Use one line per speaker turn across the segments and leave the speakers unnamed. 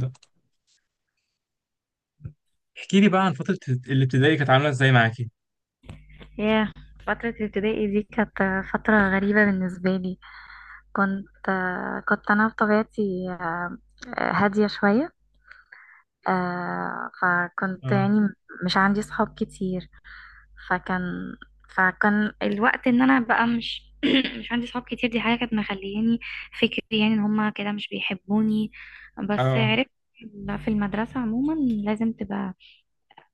ده. احكي لي بقى عن فترة الابتدائي كانت عاملة ازاي معاكي.
ياه. فترة ابتدائي دي كانت فترة غريبة بالنسبة لي. كنت كنت أنا بطبيعتي، هادية شوية. فكنت
اه.
يعني مش عندي صحاب كتير. فكان فكان الوقت إن أنا بقى مش مش عندي صحاب كتير. دي حاجة كانت مخلياني فكري، يعني إن هما كده مش بيحبوني. بس
اه.
عرفت في المدرسة عموما لازم تبقى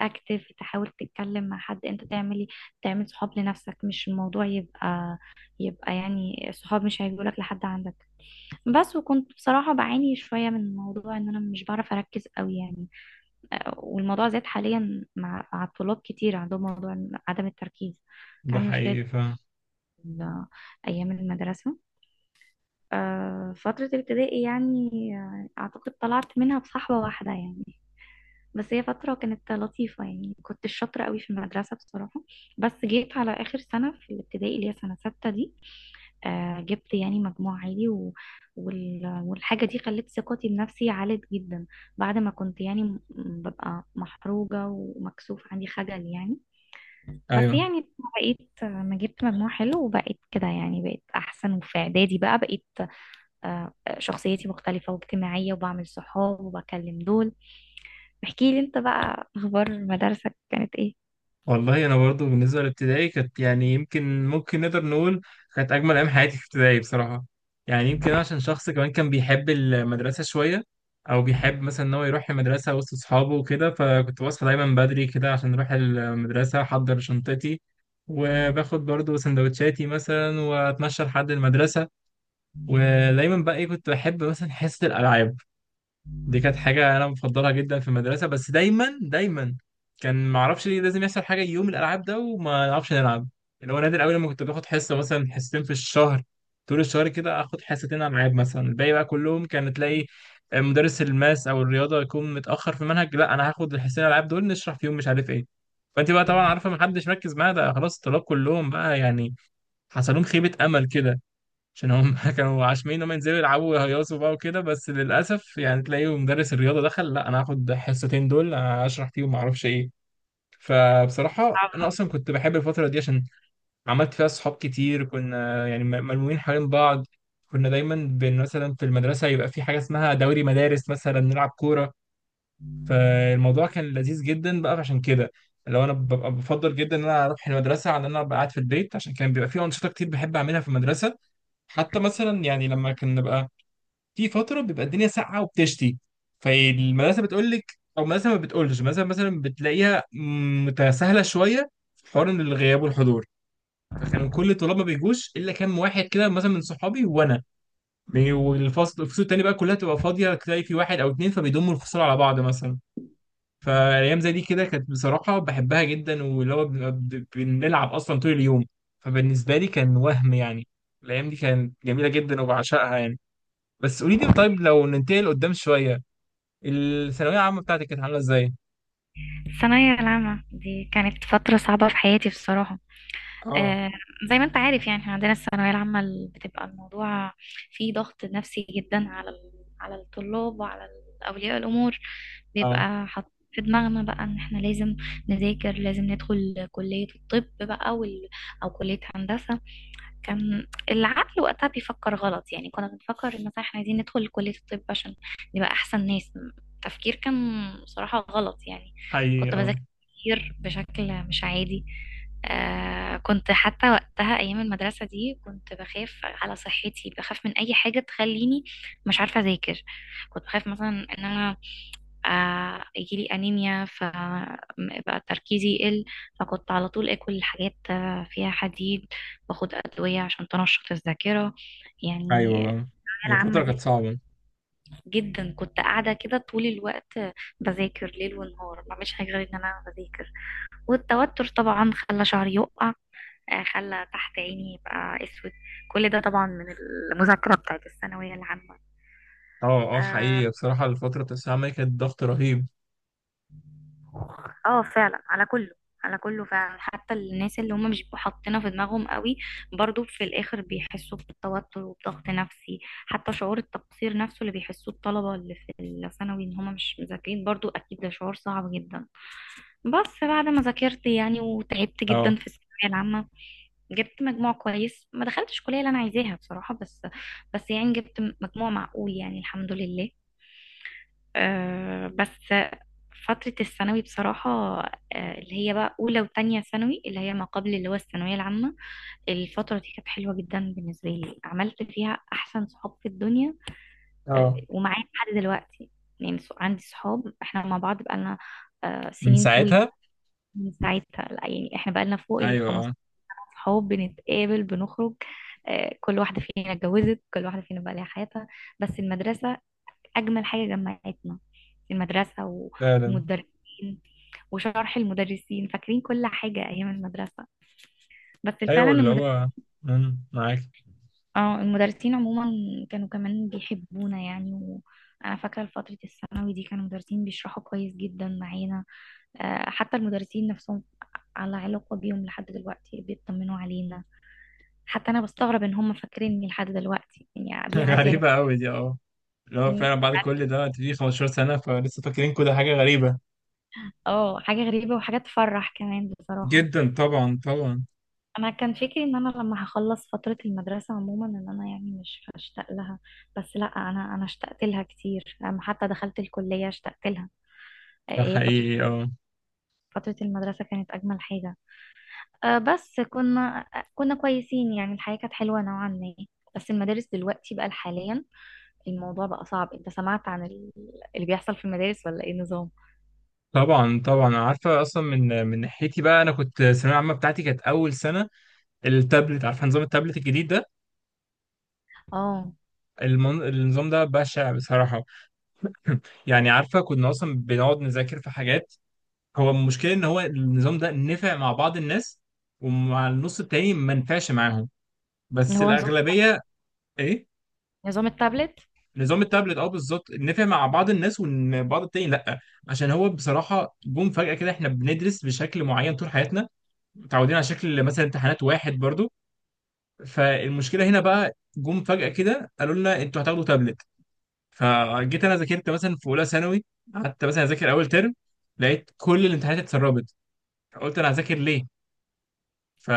اكتف تحاول تتكلم مع حد، انت تعمل صحاب لنفسك، مش الموضوع يبقى يعني الصحاب مش هيجولك لحد عندك. بس وكنت بصراحة بعاني شوية من موضوع ان انا مش بعرف اركز قوي يعني. والموضوع زاد حاليا مع الطلاب كتير عندهم موضوع عدم التركيز. كان
ده
عندي مشكلة
حقيقي فاهم.
ال- ايام المدرسة. فترة الابتدائي يعني. اعتقد طلعت منها بصحبة واحدة يعني. بس هي فترة كانت لطيفة، يعني كنت شاطرة قوي في المدرسة بصراحة. بس جيت على آخر سنة في الابتدائي اللي هي سنة ستة دي. جبت يعني مجموع عالي والحاجة دي خلت ثقتي بنفسي عالت جدا. بعد ما كنت يعني ببقى محروجة ومكسوف، عندي خجل يعني. بس
ايوه.
يعني بقيت، ما جبت مجموع حلو وبقيت كده يعني بقيت أحسن. وفي إعدادي بقى بقيت آه، شخصيتي مختلفة واجتماعية، وبعمل صحاب وبكلم دول. احكي لي انت بقى، اخبار مدارسك كانت ايه؟
والله انا برضو بالنسبة للابتدائي كانت يمكن ممكن نقدر نقول كانت اجمل ايام حياتي في ابتدائي بصراحة. يعني يمكن أنا عشان شخص كمان كان بيحب المدرسة شوية، او بيحب مثلا ان هو يروح المدرسة وسط اصحابه وكده، فكنت بصحى دايما بدري كده عشان اروح المدرسة، احضر شنطتي وباخد برضو سندوتشاتي مثلا واتمشى لحد المدرسة. ودايما بقى ايه، كنت بحب مثلا حصة الالعاب، دي كانت حاجة أنا مفضلها جدا في المدرسة. بس دايما دايما كان معرفش ليه لازم يحصل حاجة يوم الألعاب ده وما نعرفش نلعب، اللي هو نادر أوي لما كنت باخد حصة مثلا حصتين في الشهر. طول الشهر كده آخد حصتين ألعاب مثلا، الباقي بقى كلهم كان تلاقي مدرس الماس أو الرياضة يكون متأخر في المنهج، لا أنا هاخد الحصتين الألعاب دول نشرح فيهم مش عارف إيه. فأنت بقى طبعا عارفة محدش مركز معايا، ده خلاص الطلاب كلهم بقى يعني حصل لهم خيبة أمل كده، عشان هم كانوا عاشمين ان هم ينزلوا يلعبوا ويهيصوا بقى وكده. بس للاسف يعني تلاقيه مدرس الرياضه دخل لا انا هاخد حصتين دول اشرح فيهم ما اعرفش ايه. فبصراحه انا
صعبة.
اصلا كنت بحب الفتره دي عشان عملت فيها صحاب كتير، كنا يعني ملمومين حوالين بعض. كنا دايما بن مثلا في المدرسه يبقى في حاجه اسمها دوري مدارس مثلا نلعب كوره، فالموضوع كان لذيذ جدا بقى. عشان كده لو انا ببقى بفضل جدا ان انا اروح المدرسه عن ان انا ابقى قاعد في البيت، عشان كان بيبقى في انشطه كتير بحب اعملها في المدرسه. حتى مثلا يعني لما كنا نبقى في فتره بيبقى الدنيا ساقعه وبتشتي، فالمدرسه بتقول لك او المدرسه ما بتقولش، مثلا بتلاقيها متساهله شويه في حوار إن الغياب والحضور. فكانوا كل الطلاب ما بيجوش الا كام واحد كده مثلا من صحابي وانا والفصل الفصول التانيه بقى كلها تبقى فاضيه، تلاقي في واحد او اتنين فبيضموا الفصول على بعض مثلا. فالايام زي دي كده كانت بصراحه بحبها جدا، واللي هو بنلعب اصلا طول اليوم. فبالنسبه لي كان وهم يعني الايام دي كانت جميله جدا وبعشقها يعني. بس قولي لي طيب، لو ننتقل قدام شوية، الثانوية العامة بتاعتك كانت عاملة ازاي؟
الثانوية العامة دي كانت فترة صعبة في حياتي بصراحة.
اه.
آه زي ما انت عارف، يعني احنا عندنا الثانوية العامة بتبقى الموضوع فيه ضغط نفسي جدا على على الطلاب، وعلى أولياء الأمور.
اه
بيبقى حاط في دماغنا بقى ان احنا لازم نذاكر، لازم ندخل كلية الطب بقى او كلية هندسة. كان العقل وقتها بيفكر غلط، يعني كنا بنفكر إن مثلا احنا عايزين ندخل كلية الطب عشان نبقى أحسن ناس. التفكير كان بصراحة غلط يعني.
حقيقي
كنت
اه.
بذاكر كتير بشكل مش عادي. كنت حتى وقتها أيام المدرسة دي كنت بخاف على صحتي، بخاف من أي حاجة تخليني مش عارفة أذاكر. كنت بخاف مثلا إن أنا يجيلي أنيميا فبقى تركيزي يقل، فكنت على طول أكل حاجات فيها حديد، باخد أدوية عشان تنشط الذاكرة يعني.
ايوه.
الثانوية
هي
العامة
فترة
دي
كانت صعبة.
جدا، كنت قاعدة كده طول الوقت بذاكر ليل ونهار، ما بعملش حاجة غير إن أنا بذاكر. والتوتر طبعا خلى شعري يقع، خلى تحت عيني يبقى أسود. كل ده طبعا من المذاكرة بتاعت الثانوية العامة.
اه. اه
آه،
حقيقي بصراحة الفترة بتاعت الثانوية العامة دي كانت ضغط رهيب.
اه فعلا، على كله. على كله فعلا، حتى الناس اللي هم مش بيبقوا حاطينها في دماغهم قوي، برضو في الاخر بيحسوا بالتوتر وبضغط نفسي. حتى شعور التقصير نفسه اللي بيحسوه الطلبة اللي في الثانوي ان هم مش مذاكرين، برضو اكيد ده شعور صعب جدا. بس بعد ما ذاكرت يعني وتعبت
اه.
جدا في الثانوية العامة، جبت مجموع كويس. ما دخلتش الكلية اللي انا عايزاها بصراحة، بس بس يعني جبت مجموع معقول يعني الحمد لله. بس فترة الثانوي بصراحة، اللي هي بقى أولى وتانية ثانوي، اللي هي ما قبل اللي هو الثانوية العامة. الفترة دي كانت حلوة جدا بالنسبة لي، عملت فيها أحسن صحاب في الدنيا.
اه.
ومعايا لحد دلوقتي. يعني عندي صحاب احنا مع بعض بقالنا
من
سنين طويلة.
ساعتها.
من ساعتها لا، يعني احنا بقالنا فوق ال
ايوه اه
15. صحاب بنتقابل بنخرج. كل واحدة فينا اتجوزت، كل واحدة فينا بقى لها حياتها. بس المدرسة أجمل حاجة جمعتنا، في المدرسة
فعلا.
ومدرسين، وشرح المدرسين. فاكرين كل حاجة أيام المدرسة. بس فعلا
ايوه اللي هو مم، معاك.
اه المدرسين عموما كانوا كمان بيحبونا يعني. وأنا فاكرة فترة الثانوي دي كانوا المدرسين بيشرحوا كويس جدا معانا. حتى المدرسين نفسهم على علاقة بيهم لحد دلوقتي، بيطمنوا علينا. حتى أنا بستغرب إن هم فاكريني لحد دلوقتي، يعني بيعدي عليهم.
غريبة قوي دي اه. اللي هو
إيه؟
فعلا بعد كل ده انت في 15 سنة فلسه فاكرين كل حاجة، غريبة
اه، حاجة غريبة وحاجة تفرح كمان بصراحة.
جدا طبعا طبعا.
انا كان فكري ان انا لما هخلص فترة المدرسة عموما ان انا يعني مش هشتاق لها، بس لا، انا اشتقت لها كتير، لما حتى دخلت الكلية اشتقت لها. آه،
ده
هي فترة
حقيقي اه.
فترة المدرسة كانت اجمل حاجة. بس كنا كويسين، يعني الحياة كانت حلوة نوعا ما. بس المدارس دلوقتي بقى، حاليا الموضوع بقى صعب. انت سمعت عن اللي بيحصل في المدارس ولا ايه، نظام؟
طبعا طبعا، أنا عارفه اصلا. من من ناحيتي بقى انا كنت الثانويه العامه بتاعتي كانت اول سنه التابلت، عارفه نظام التابلت الجديد ده؟
اه.
المن... النظام ده بشع بصراحه. يعني عارفه كنا اصلا بنقعد نذاكر في حاجات، هو المشكله ان هو النظام ده نفع مع بعض الناس، ومع النص التاني ما نفعش معاهم.
اللي
بس
هو نظام
الاغلبيه. ايه؟
التابلت.
نظام التابلت، اه بالظبط، نفع مع بعض الناس وبعض التاني لا. عشان هو بصراحه جم فجاه كده، احنا بندرس بشكل معين طول حياتنا، متعودين على شكل مثلا امتحانات واحد برضو. فالمشكله هنا بقى جم فجاه كده قالوا لنا انتوا هتاخدوا تابلت. فجيت انا ذاكرت مثلا في اولى ثانوي، قعدت مثلا اذاكر اول ترم، لقيت كل الامتحانات اتسربت، فقلت انا هذاكر ليه؟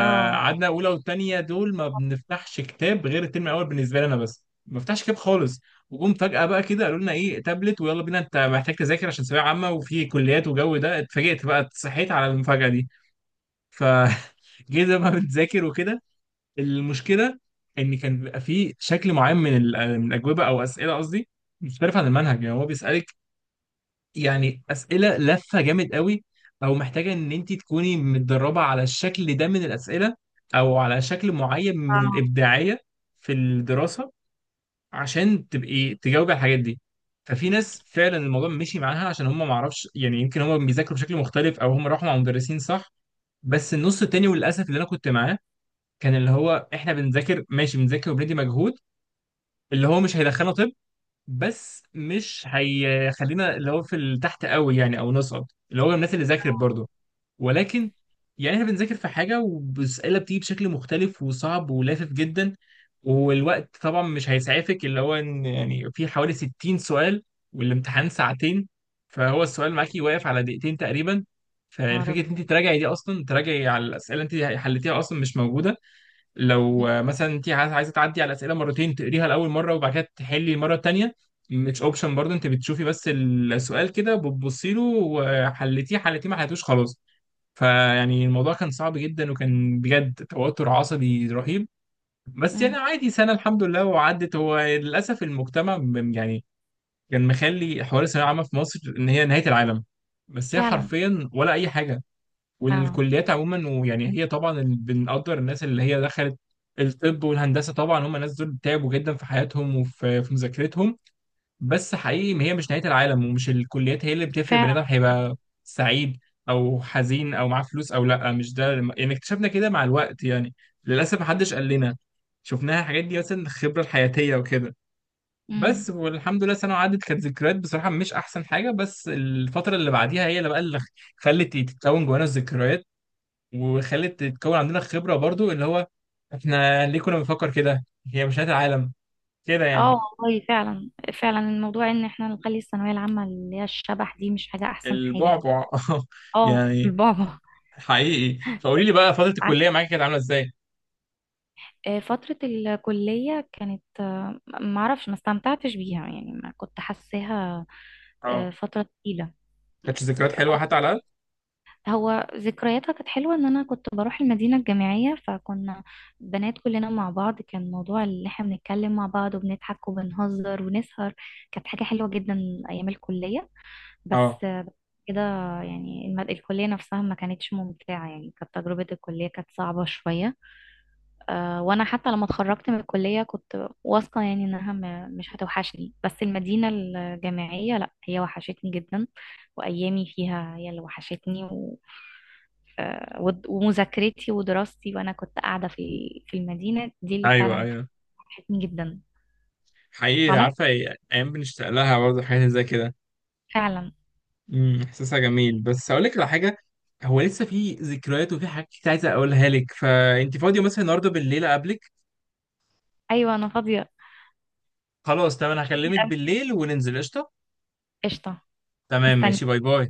اه.
اولى والتانيه دول ما بنفتحش كتاب غير الترم الاول، بالنسبه لي انا بس ما بفتحش كتاب خالص. وجم فجاه بقى كده قالوا لنا ايه تابلت ويلا بينا، انت محتاج تذاكر عشان ثانويه عامه وفي كليات وجو ده. اتفاجئت بقى، صحيت على المفاجاه دي. ف جيت بقى بتذاكر وكده. المشكله ان كان بيبقى فيه شكل معين من من الاجوبه او اسئله قصدي، مختلف عن المنهج. يعني هو بيسالك يعني اسئله لفه جامد قوي، او محتاجه ان انت تكوني متدربه على الشكل ده من الاسئله، او على شكل معين من
آه.
الابداعيه في الدراسه عشان تبقي تجاوبي على الحاجات دي. ففي ناس فعلا الموضوع مشي معاها، عشان هم ما اعرفش يعني يمكن هم بيذاكروا بشكل مختلف او هم راحوا مع مدرسين صح. بس النص التاني وللاسف اللي انا كنت معاه، كان اللي هو احنا بنذاكر ماشي بنذاكر وبندي مجهود اللي هو مش هيدخلنا طب، بس مش هيخلينا اللي هو في تحت قوي يعني، او نصعد اللي هو الناس اللي ذاكرت برضه. ولكن يعني احنا بنذاكر في حاجه والاسئله بتيجي بشكل مختلف وصعب ولافف جدا، والوقت طبعا مش هيسعفك، اللي هو ان يعني في حوالي 60 سؤال والامتحان ساعتين، فهو السؤال معاكي واقف على دقيقتين تقريبا.
يا رب.
فالفكره ان انت تراجعي دي اصلا، تراجعي على الاسئله انت حليتيها اصلا مش موجوده. لو
م-
مثلا انت عايزة تعدي على الاسئله مرتين، تقريها لاول مره وبعد كده تحلي المره الثانيه، مش اوبشن برضه. انت بتشوفي بس السؤال كده بتبصي له، وحلتيه حلتيه ما حلتوش خلاص. فيعني الموضوع كان صعب جدا وكان بجد توتر عصبي رهيب. بس يعني
م-
عادي سنه الحمد لله وعدت. هو للاسف المجتمع يعني كان مخلي حوار الثانويه العامه في مصر ان هي نهايه العالم، بس هي
فعلا،
حرفيا ولا اي حاجه.
فعلا،
والكليات عموما، ويعني هي طبعا بنقدر الناس اللي هي دخلت الطب والهندسه، طبعا هم الناس دول تعبوا جدا في حياتهم وفي في مذاكرتهم، بس حقيقي ما هي مش نهايه العالم ومش الكليات هي اللي بتفرق بني ادم
فعلا.
هيبقى سعيد او حزين او معاه فلوس او لا. مش ده يعني اكتشفنا كده مع الوقت يعني. للاسف محدش قال لنا، شفناها الحاجات دي مثلا الخبره الحياتيه وكده. بس
امم.
والحمد لله سنة عدت، كانت ذكريات بصراحة مش أحسن حاجة، بس الفترة اللي بعديها هي اللي بقى اللي خلت تتكون جوانا الذكريات، وخلت تتكون عندنا خبرة برضو، اللي هو احنا ليه كنا بنفكر كده؟ هي مش نهاية العالم كده يعني.
اه، والله فعلا. فعلا، الموضوع ان احنا نخلي الثانويه العامه اللي هي الشبح دي، مش حاجه احسن حاجه.
البعبع.
اه
يعني
البابا.
حقيقي. فقولي لي بقى فترة
ع-
الكلية معاكي كانت عاملة ازاي؟
فتره الكليه كانت، ما اعرفش، ما استمتعتش بيها، يعني ما كنت حاساها.
اه.
فتره تقيله.
كانت ذكريات حلوة حتى على الأقل؟
هو ذكرياتها كانت حلوه، ان انا كنت بروح المدينه الجامعيه، فكنا بنات كلنا مع بعض، كان موضوع اللي احنا بنتكلم مع بعض، وبنضحك وبنهزر ونسهر. كانت حاجه حلوه جدا ايام الكليه.
اه.
بس بس كده، يعني الكلية نفسها ما كانتش ممتعة، يعني كانت تجربة الكلية كانت صعبة شوية. وأنا حتى لما اتخرجت من الكلية كنت واثقة يعني إنها مش هتوحشني، بس المدينة الجامعية لأ، هي وحشتني جدا. وأيامي فيها هي اللي وحشتني، ومذاكرتي ودراستي، وأنا كنت قاعدة في المدينة دي اللي
ايوه
فعلا
ايوه.
وحشتني جدا.
حقيقي
وعملت
عارفة ايه، ايام بنشتاق لها برضه حاجات زي كده.
فعلا.
امم، احساسها جميل. بس اقول لك على حاجة، هو لسه في ذكريات وفي حاجات كتير عايز اقولها لك، فانت فاضية مثلا النهارده بالليل اقابلك؟
أيوة أنا فاضية.
خلاص تمام، انا هكلمك بالليل وننزل قشطة.
قشطة.
تمام ماشي،
مستني.
باي باي.